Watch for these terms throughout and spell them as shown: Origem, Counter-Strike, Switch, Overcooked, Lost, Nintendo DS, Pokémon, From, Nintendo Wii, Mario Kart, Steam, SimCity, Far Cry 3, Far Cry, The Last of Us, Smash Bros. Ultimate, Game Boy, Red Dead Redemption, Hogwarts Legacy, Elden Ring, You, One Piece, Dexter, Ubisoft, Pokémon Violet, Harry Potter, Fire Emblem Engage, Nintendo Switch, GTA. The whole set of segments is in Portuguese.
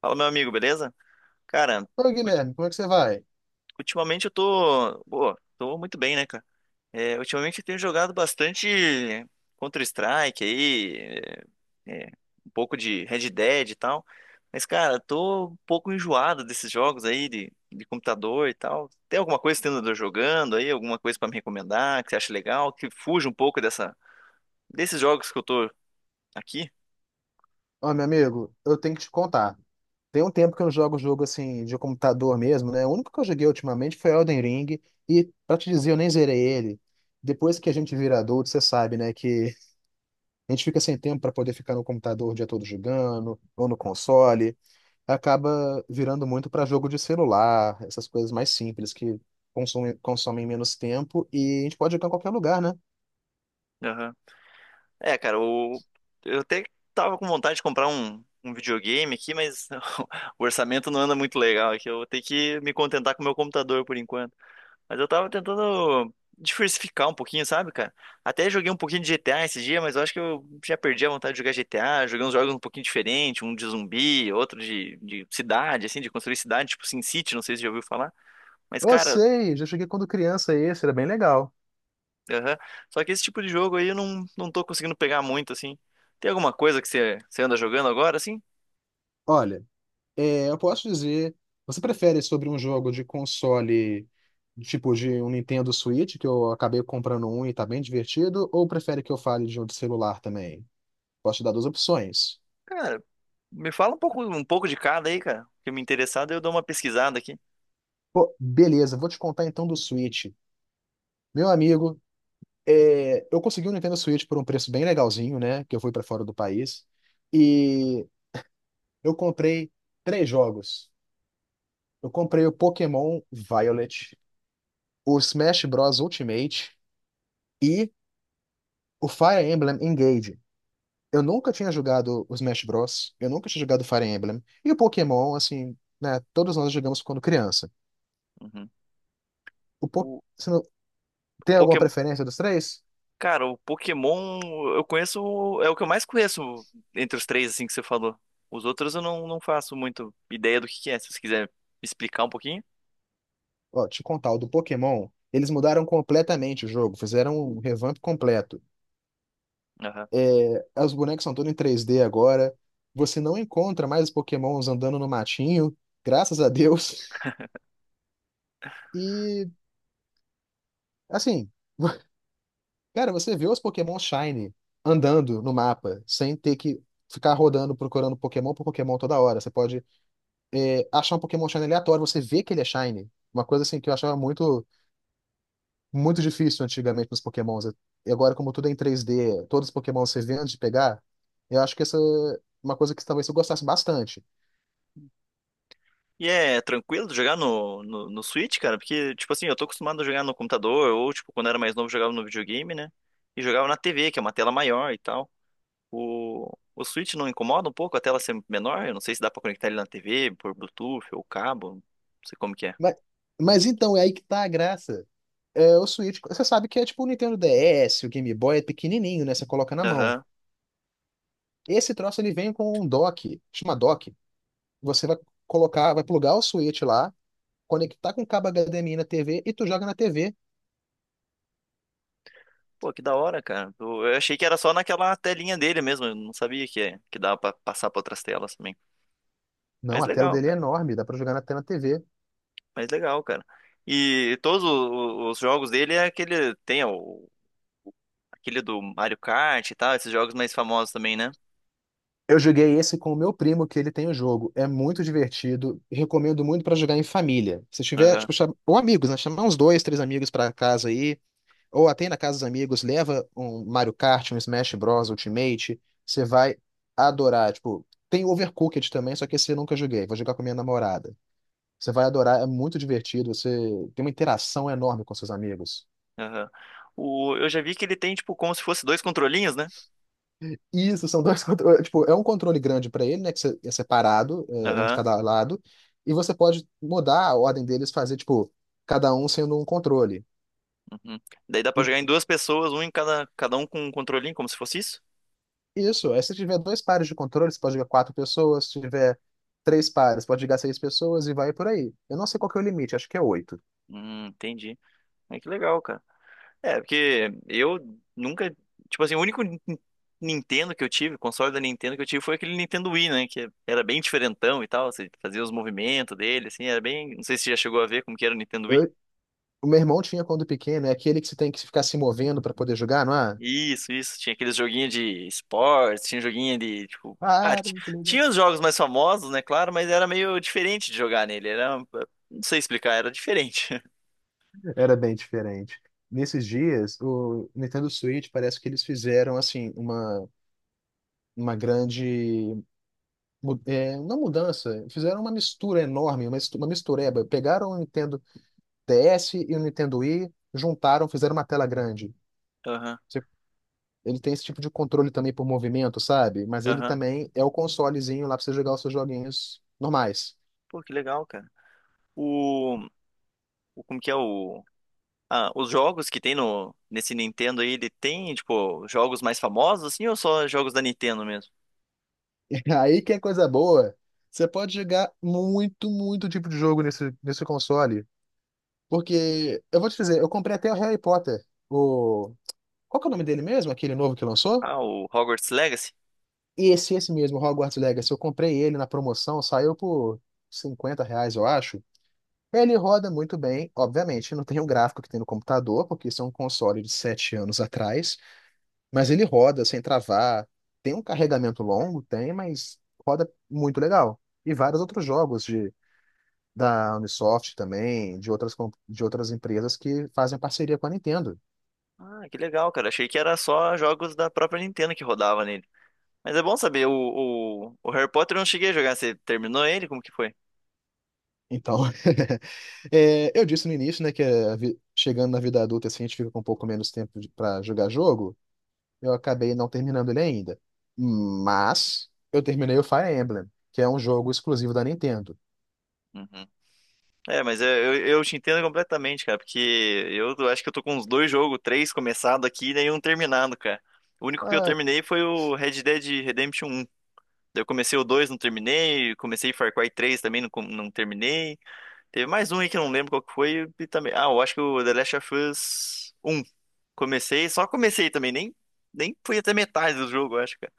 Fala, meu amigo, beleza? Cara, Ô, ulti- Guilherme, como é que você vai? ultimamente eu tô, pô, tô muito bem, né, cara? É, ultimamente eu tenho jogado bastante Counter-Strike aí, é, é, um pouco de Red Dead e tal. Mas, cara, tô um pouco enjoado desses jogos aí de computador e tal. Tem alguma coisa que você anda jogando aí? Alguma coisa pra me recomendar que você acha legal? Que fuja um pouco desses jogos que eu tô aqui? Ó, meu amigo, eu tenho que te contar. Tem um tempo que eu não jogo jogo assim de computador mesmo, né? O único que eu joguei ultimamente foi Elden Ring, e pra te dizer, eu nem zerei ele. Depois que a gente vira adulto, você sabe, né, que a gente fica sem tempo pra poder ficar no computador o dia todo jogando, ou no console, acaba virando muito pra jogo de celular, essas coisas mais simples que consomem menos tempo e a gente pode jogar em qualquer lugar, né? É, cara, o... Eu até tava com vontade de comprar um videogame aqui, mas o orçamento não anda muito legal aqui. Eu vou ter que me contentar com o meu computador por enquanto. Mas eu tava tentando diversificar um pouquinho, sabe, cara? Até joguei um pouquinho de GTA esse dia, mas eu acho que eu já perdi a vontade de jogar GTA. Joguei uns jogos um pouquinho diferentes, um de zumbi, outro de cidade, assim, de construir cidade, tipo SimCity, não sei se você já ouviu falar. Mas, Eu cara, sei, já joguei quando criança esse, era bem legal. aham. Só que esse tipo de jogo aí eu não tô conseguindo pegar muito, assim. Tem alguma coisa que você anda jogando agora, assim? Olha, eu posso dizer, você prefere sobre um jogo de console, tipo de um Nintendo Switch, que eu acabei comprando um e tá bem divertido, ou prefere que eu fale de um de celular também? Posso te dar duas opções. Cara, me fala um pouco de cada aí, cara. Que me interessado, eu dou uma pesquisada aqui. Pô, beleza, vou te contar então do Switch. Meu amigo, eu consegui um Nintendo Switch por um preço bem legalzinho, né? Que eu fui pra fora do país. E eu comprei três jogos. Eu comprei o Pokémon Violet, o Smash Bros. Ultimate e o Fire Emblem Engage. Eu nunca tinha jogado o Smash Bros. Eu nunca tinha jogado Fire Emblem. E o Pokémon, assim, né? Todos nós jogamos quando criança. Uhum. O po... O, Você não... o Tem alguma Pokémon. preferência dos três? Cara, o Pokémon eu conheço. É o que eu mais conheço entre os três, assim, que você falou. Os outros eu não faço muito ideia do que é. Se você quiser me explicar um pouquinho. Ó, te contar, o do Pokémon, eles mudaram completamente o jogo, fizeram um revamp completo. Os bonecos são todos em 3D agora. Você não encontra mais os Pokémons andando no matinho, graças a Deus. E, assim. Cara, você vê os Pokémon Shiny andando no mapa, sem ter que ficar rodando, procurando Pokémon por Pokémon toda hora. Você pode achar um Pokémon Shiny aleatório, você vê que ele é Shiny. Uma coisa assim que eu achava muito, muito difícil antigamente nos Pokémons. E agora, como tudo é em três d, todos os Pokémon você vê antes de pegar, eu acho que essa é uma coisa que talvez eu gostasse bastante. E é tranquilo de jogar no Switch, cara? Porque, tipo assim, eu tô acostumado a jogar no computador, ou, tipo, quando era mais novo, jogava no videogame, né? E jogava na TV, que é uma tela maior e tal. O, o Switch não incomoda um pouco a tela ser menor? Eu não sei se dá pra conectar ele na TV, por Bluetooth ou cabo, não sei como que é. Mas, mas então, é aí que tá a graça. O Switch, você sabe que é tipo o Nintendo DS, o Game Boy é pequenininho, né? Você coloca na mão. Aham. Esse troço ele vem com um dock, chama dock. Você vai colocar, vai plugar o switch lá, conectar com o cabo HDMI na TV e tu joga na TV. Pô, que da hora, cara. Eu achei que era só naquela telinha dele mesmo, eu não sabia que, que dava pra passar pra outras telas também. Não, Mas a tela legal, dele é cara. enorme, dá pra jogar na tela na TV. Mas legal, cara. E todos os jogos dele é aquele. Tem o aquele do Mario Kart e tal, esses jogos mais famosos também, né? Eu joguei esse com o meu primo, que ele tem o jogo. É muito divertido. Recomendo muito pra jogar em família. Se tiver, Aham, tipo, ou amigos, né? Chamar uns dois, três amigos pra casa aí. Ou até ir na casa dos amigos, leva um Mario Kart, um Smash Bros. Ultimate. Você vai adorar. Tipo, tem Overcooked também, só que esse eu nunca joguei. Vou jogar com a minha namorada. Você vai adorar, é muito divertido, você tem uma interação enorme com seus amigos. aham. O, eu já vi que ele tem, tipo, como se fosse dois controlinhos, né? Isso, são dois controles. Tipo, é um controle grande para ele, né? Que você- é separado, é, um de Aham, cada lado. E você pode mudar a ordem deles, fazer, tipo, cada um sendo um controle. uhum. Daí dá pra E jogar em duas pessoas, um em cada, cada um com um controlinho, como se fosse isso? isso, aí se tiver dois pares de controles, você pode jogar quatro pessoas. Se tiver três pares, pode jogar seis pessoas e vai por aí. Eu não sei qual que é o limite, acho que é oito. Entendi. É que legal, cara. É, porque eu nunca, tipo assim, o único Nintendo que eu tive, console da Nintendo que eu tive foi aquele Nintendo Wii, né? Que era bem diferentão e tal, você fazia os movimentos dele, assim, era bem, não sei se você já chegou a ver como que era o Nintendo Wii. Eu- o meu irmão tinha quando pequeno, é aquele que você tem que ficar se movendo para poder jogar, não é? Isso, isso. Tinha aqueles joguinhos de esportes, tinha joguinho de, tipo... Ah, Ah, tinha os jogos mais famosos, né, claro, mas era meio diferente de jogar nele. Era... Não sei explicar, era diferente. era bem diferente. Nesses dias, o Nintendo Switch parece que eles fizeram assim uma grande mu- é, não mudança, fizeram uma mistura enorme, uma mistureba. Pegaram o Nintendo DS e o Nintendo Wii, juntaram, fizeram uma tela grande. Aham, Você- Ele tem esse tipo de controle também por movimento, sabe? Mas ele aham. também é o consolezinho lá pra você jogar os seus joguinhos normais. Pô, que legal, cara. O... o... Como que é o... Ah, os jogos que tem no nesse Nintendo aí, ele tem, tipo, jogos mais famosos, assim, ou só jogos da Nintendo mesmo? Aí que é coisa boa. Você pode jogar muito, muito tipo de jogo nesse console. Porque, eu vou te dizer, eu comprei até o Harry Potter. O... Qual que é o nome dele mesmo? Aquele novo que lançou? Ah, o Hogwarts Legacy? Esse mesmo, Hogwarts Legacy. Eu comprei ele na promoção, saiu por 50 reais, eu acho. Ele roda muito bem, obviamente, não tem o gráfico que tem no computador, porque isso é um console de 7 anos atrás, mas ele roda sem travar. Tem um carregamento longo, tem, mas roda muito legal. E vários outros jogos da Ubisoft também, de outras, de outras empresas que fazem parceria com a Nintendo. Ah, que legal, cara. Achei que era só jogos da própria Nintendo que rodava nele. Mas é bom saber, o Harry Potter eu não cheguei a jogar. Você terminou ele? Como que foi? Então, eu disse no início, né, que a chegando na vida adulta, assim, a gente fica com um pouco menos tempo para jogar jogo. Eu acabei não terminando ele ainda. Mas eu terminei o Fire Emblem, que é um jogo exclusivo da Nintendo. Uhum. É, mas eu te entendo completamente, cara, porque eu acho que eu tô com uns dois jogos, três começado aqui e nenhum terminado, cara. O único que eu Ah, terminei foi o Red Dead Redemption um. Eu comecei o 2 não terminei. Comecei Far Cry três também, não terminei. Teve mais um aí que eu não lembro qual que foi. E também... Ah, eu acho que o The Last of Us um comecei, só comecei também. Nem fui até metade do jogo, eu acho, cara.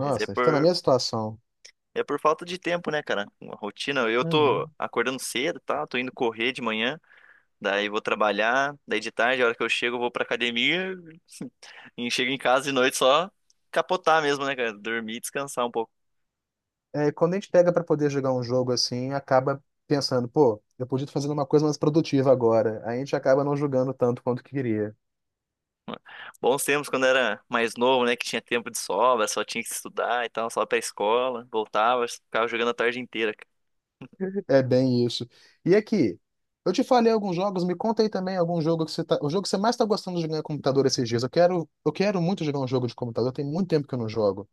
Mas é está na minha situação. é por falta de tempo, né, cara? Uma rotina. Eu tô Uhum. acordando cedo, tá? Tô indo correr de manhã. Daí vou trabalhar. Daí de tarde, a hora que eu chego, eu vou pra academia. E chego em casa de noite só capotar mesmo, né, cara? Dormir e descansar um pouco. É, quando a gente pega para poder jogar um jogo assim, acaba pensando, pô, eu podia estar fazendo uma coisa mais produtiva agora. Aí a gente acaba não jogando tanto quanto queria. Bons tempos quando era mais novo, né? Que tinha tempo de sobra, só tinha que estudar e tal, só pra escola, voltava, ficava jogando a tarde inteira. É bem isso. E aqui, eu te falei alguns jogos, me conta aí também algum jogo que você tá, o jogo que você mais tá gostando de jogar no computador esses dias. Eu quero muito jogar um jogo de computador, tem muito tempo que eu não jogo.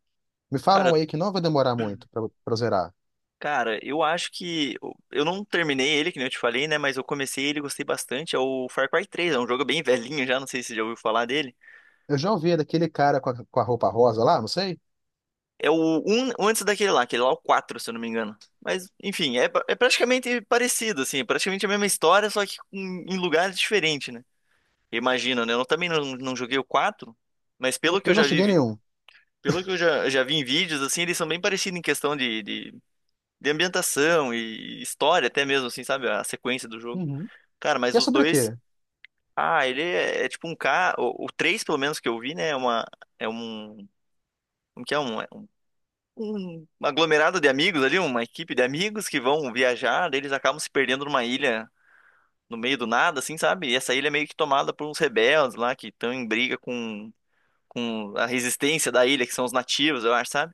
Me Cara, falam aí que não vai demorar muito pra zerar. cara, eu acho que eu não terminei ele, que nem eu te falei, né? Mas eu comecei ele, e gostei bastante. O Far Cry três é um jogo bem velhinho já, não sei se você já ouviu falar dele. Eu já ouvi daquele cara com a roupa rosa lá, não sei? É o um antes daquele lá, aquele lá é o 4 se eu não me engano. Mas, enfim, é, é praticamente parecido, assim, é praticamente a mesma história, só que em, em lugares diferentes, né? Imagina, né? Eu também não joguei o quatro. Mas pelo que Eu eu não já cheguei vi, nenhum. pelo que eu já vi em vídeos, assim, eles são bem parecidos em questão de ambientação e história até mesmo, assim, sabe? A sequência do jogo. Uhum. Cara, mas E é os sobre dois... quê? Ah, é tipo um K... o 3, pelo menos, que eu vi, né? É uma... É um... Como que é? Um, é um aglomerado de amigos ali, uma equipe de amigos que vão viajar, daí eles acabam se perdendo numa ilha no meio do nada, assim, sabe? E essa ilha é meio que tomada por uns rebeldes lá que estão em briga com a resistência da ilha, que são os nativos, eu acho, sabe?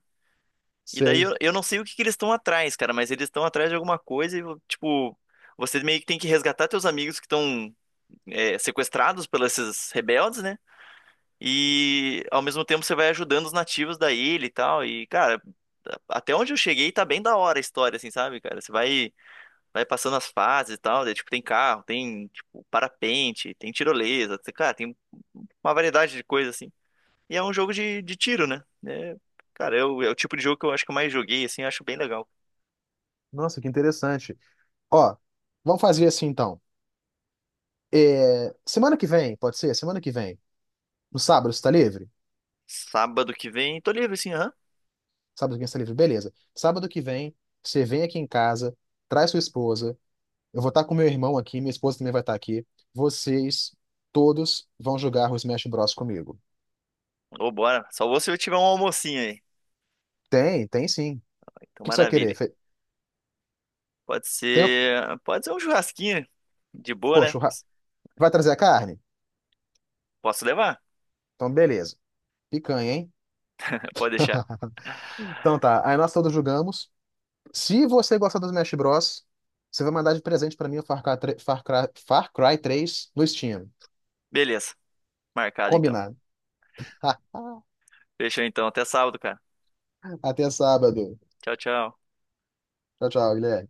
E daí Sei. Eu não sei o que que eles estão atrás, cara, mas eles estão atrás de alguma coisa e, tipo, você meio que tem que resgatar teus amigos que estão é, sequestrados pelos esses rebeldes, né? E ao mesmo tempo você vai ajudando os nativos da ilha e tal. E, cara, até onde eu cheguei tá bem da hora a história, assim, sabe, cara? Você vai, vai passando as fases e tal, daí, tipo, tem carro, tem, tipo, parapente, tem tirolesa, cara, tem uma variedade de coisa, assim. E é um jogo de tiro, né? É, cara, eu, é o tipo de jogo que eu acho que eu mais joguei, assim, eu acho bem legal. Nossa, que interessante. Ó, vamos fazer assim então. É, semana que vem, pode ser? Semana que vem. No sábado, você tá livre? Sábado que vem, tô livre assim, aham. Sábado que vem você está livre. Beleza. Sábado que vem, você vem aqui em casa, traz sua esposa. Eu vou estar com meu irmão aqui, minha esposa também vai estar aqui. Vocês todos vão jogar o Smash Bros comigo. Ou bora. Só vou se eu tiver um almocinho aí. Tem, tem sim. O Então, que que você vai querer? maravilha. Tem, Pode ser um churrasquinho de boa, pô, né? churra... Vai trazer a carne? Posso levar? Então, beleza. Picanha, hein? Pode deixar. Então tá, aí nós todos jogamos. Se você gostar do Smash Bros, você vai mandar de presente pra mim o Far Cry, tre- Far Cry, Far Cry 3 no Steam. Beleza. Marcado então. Combinado. Fechou então. Até sábado, cara. Até sábado. Tchau, tchau. Tchau, tchau, Guilherme.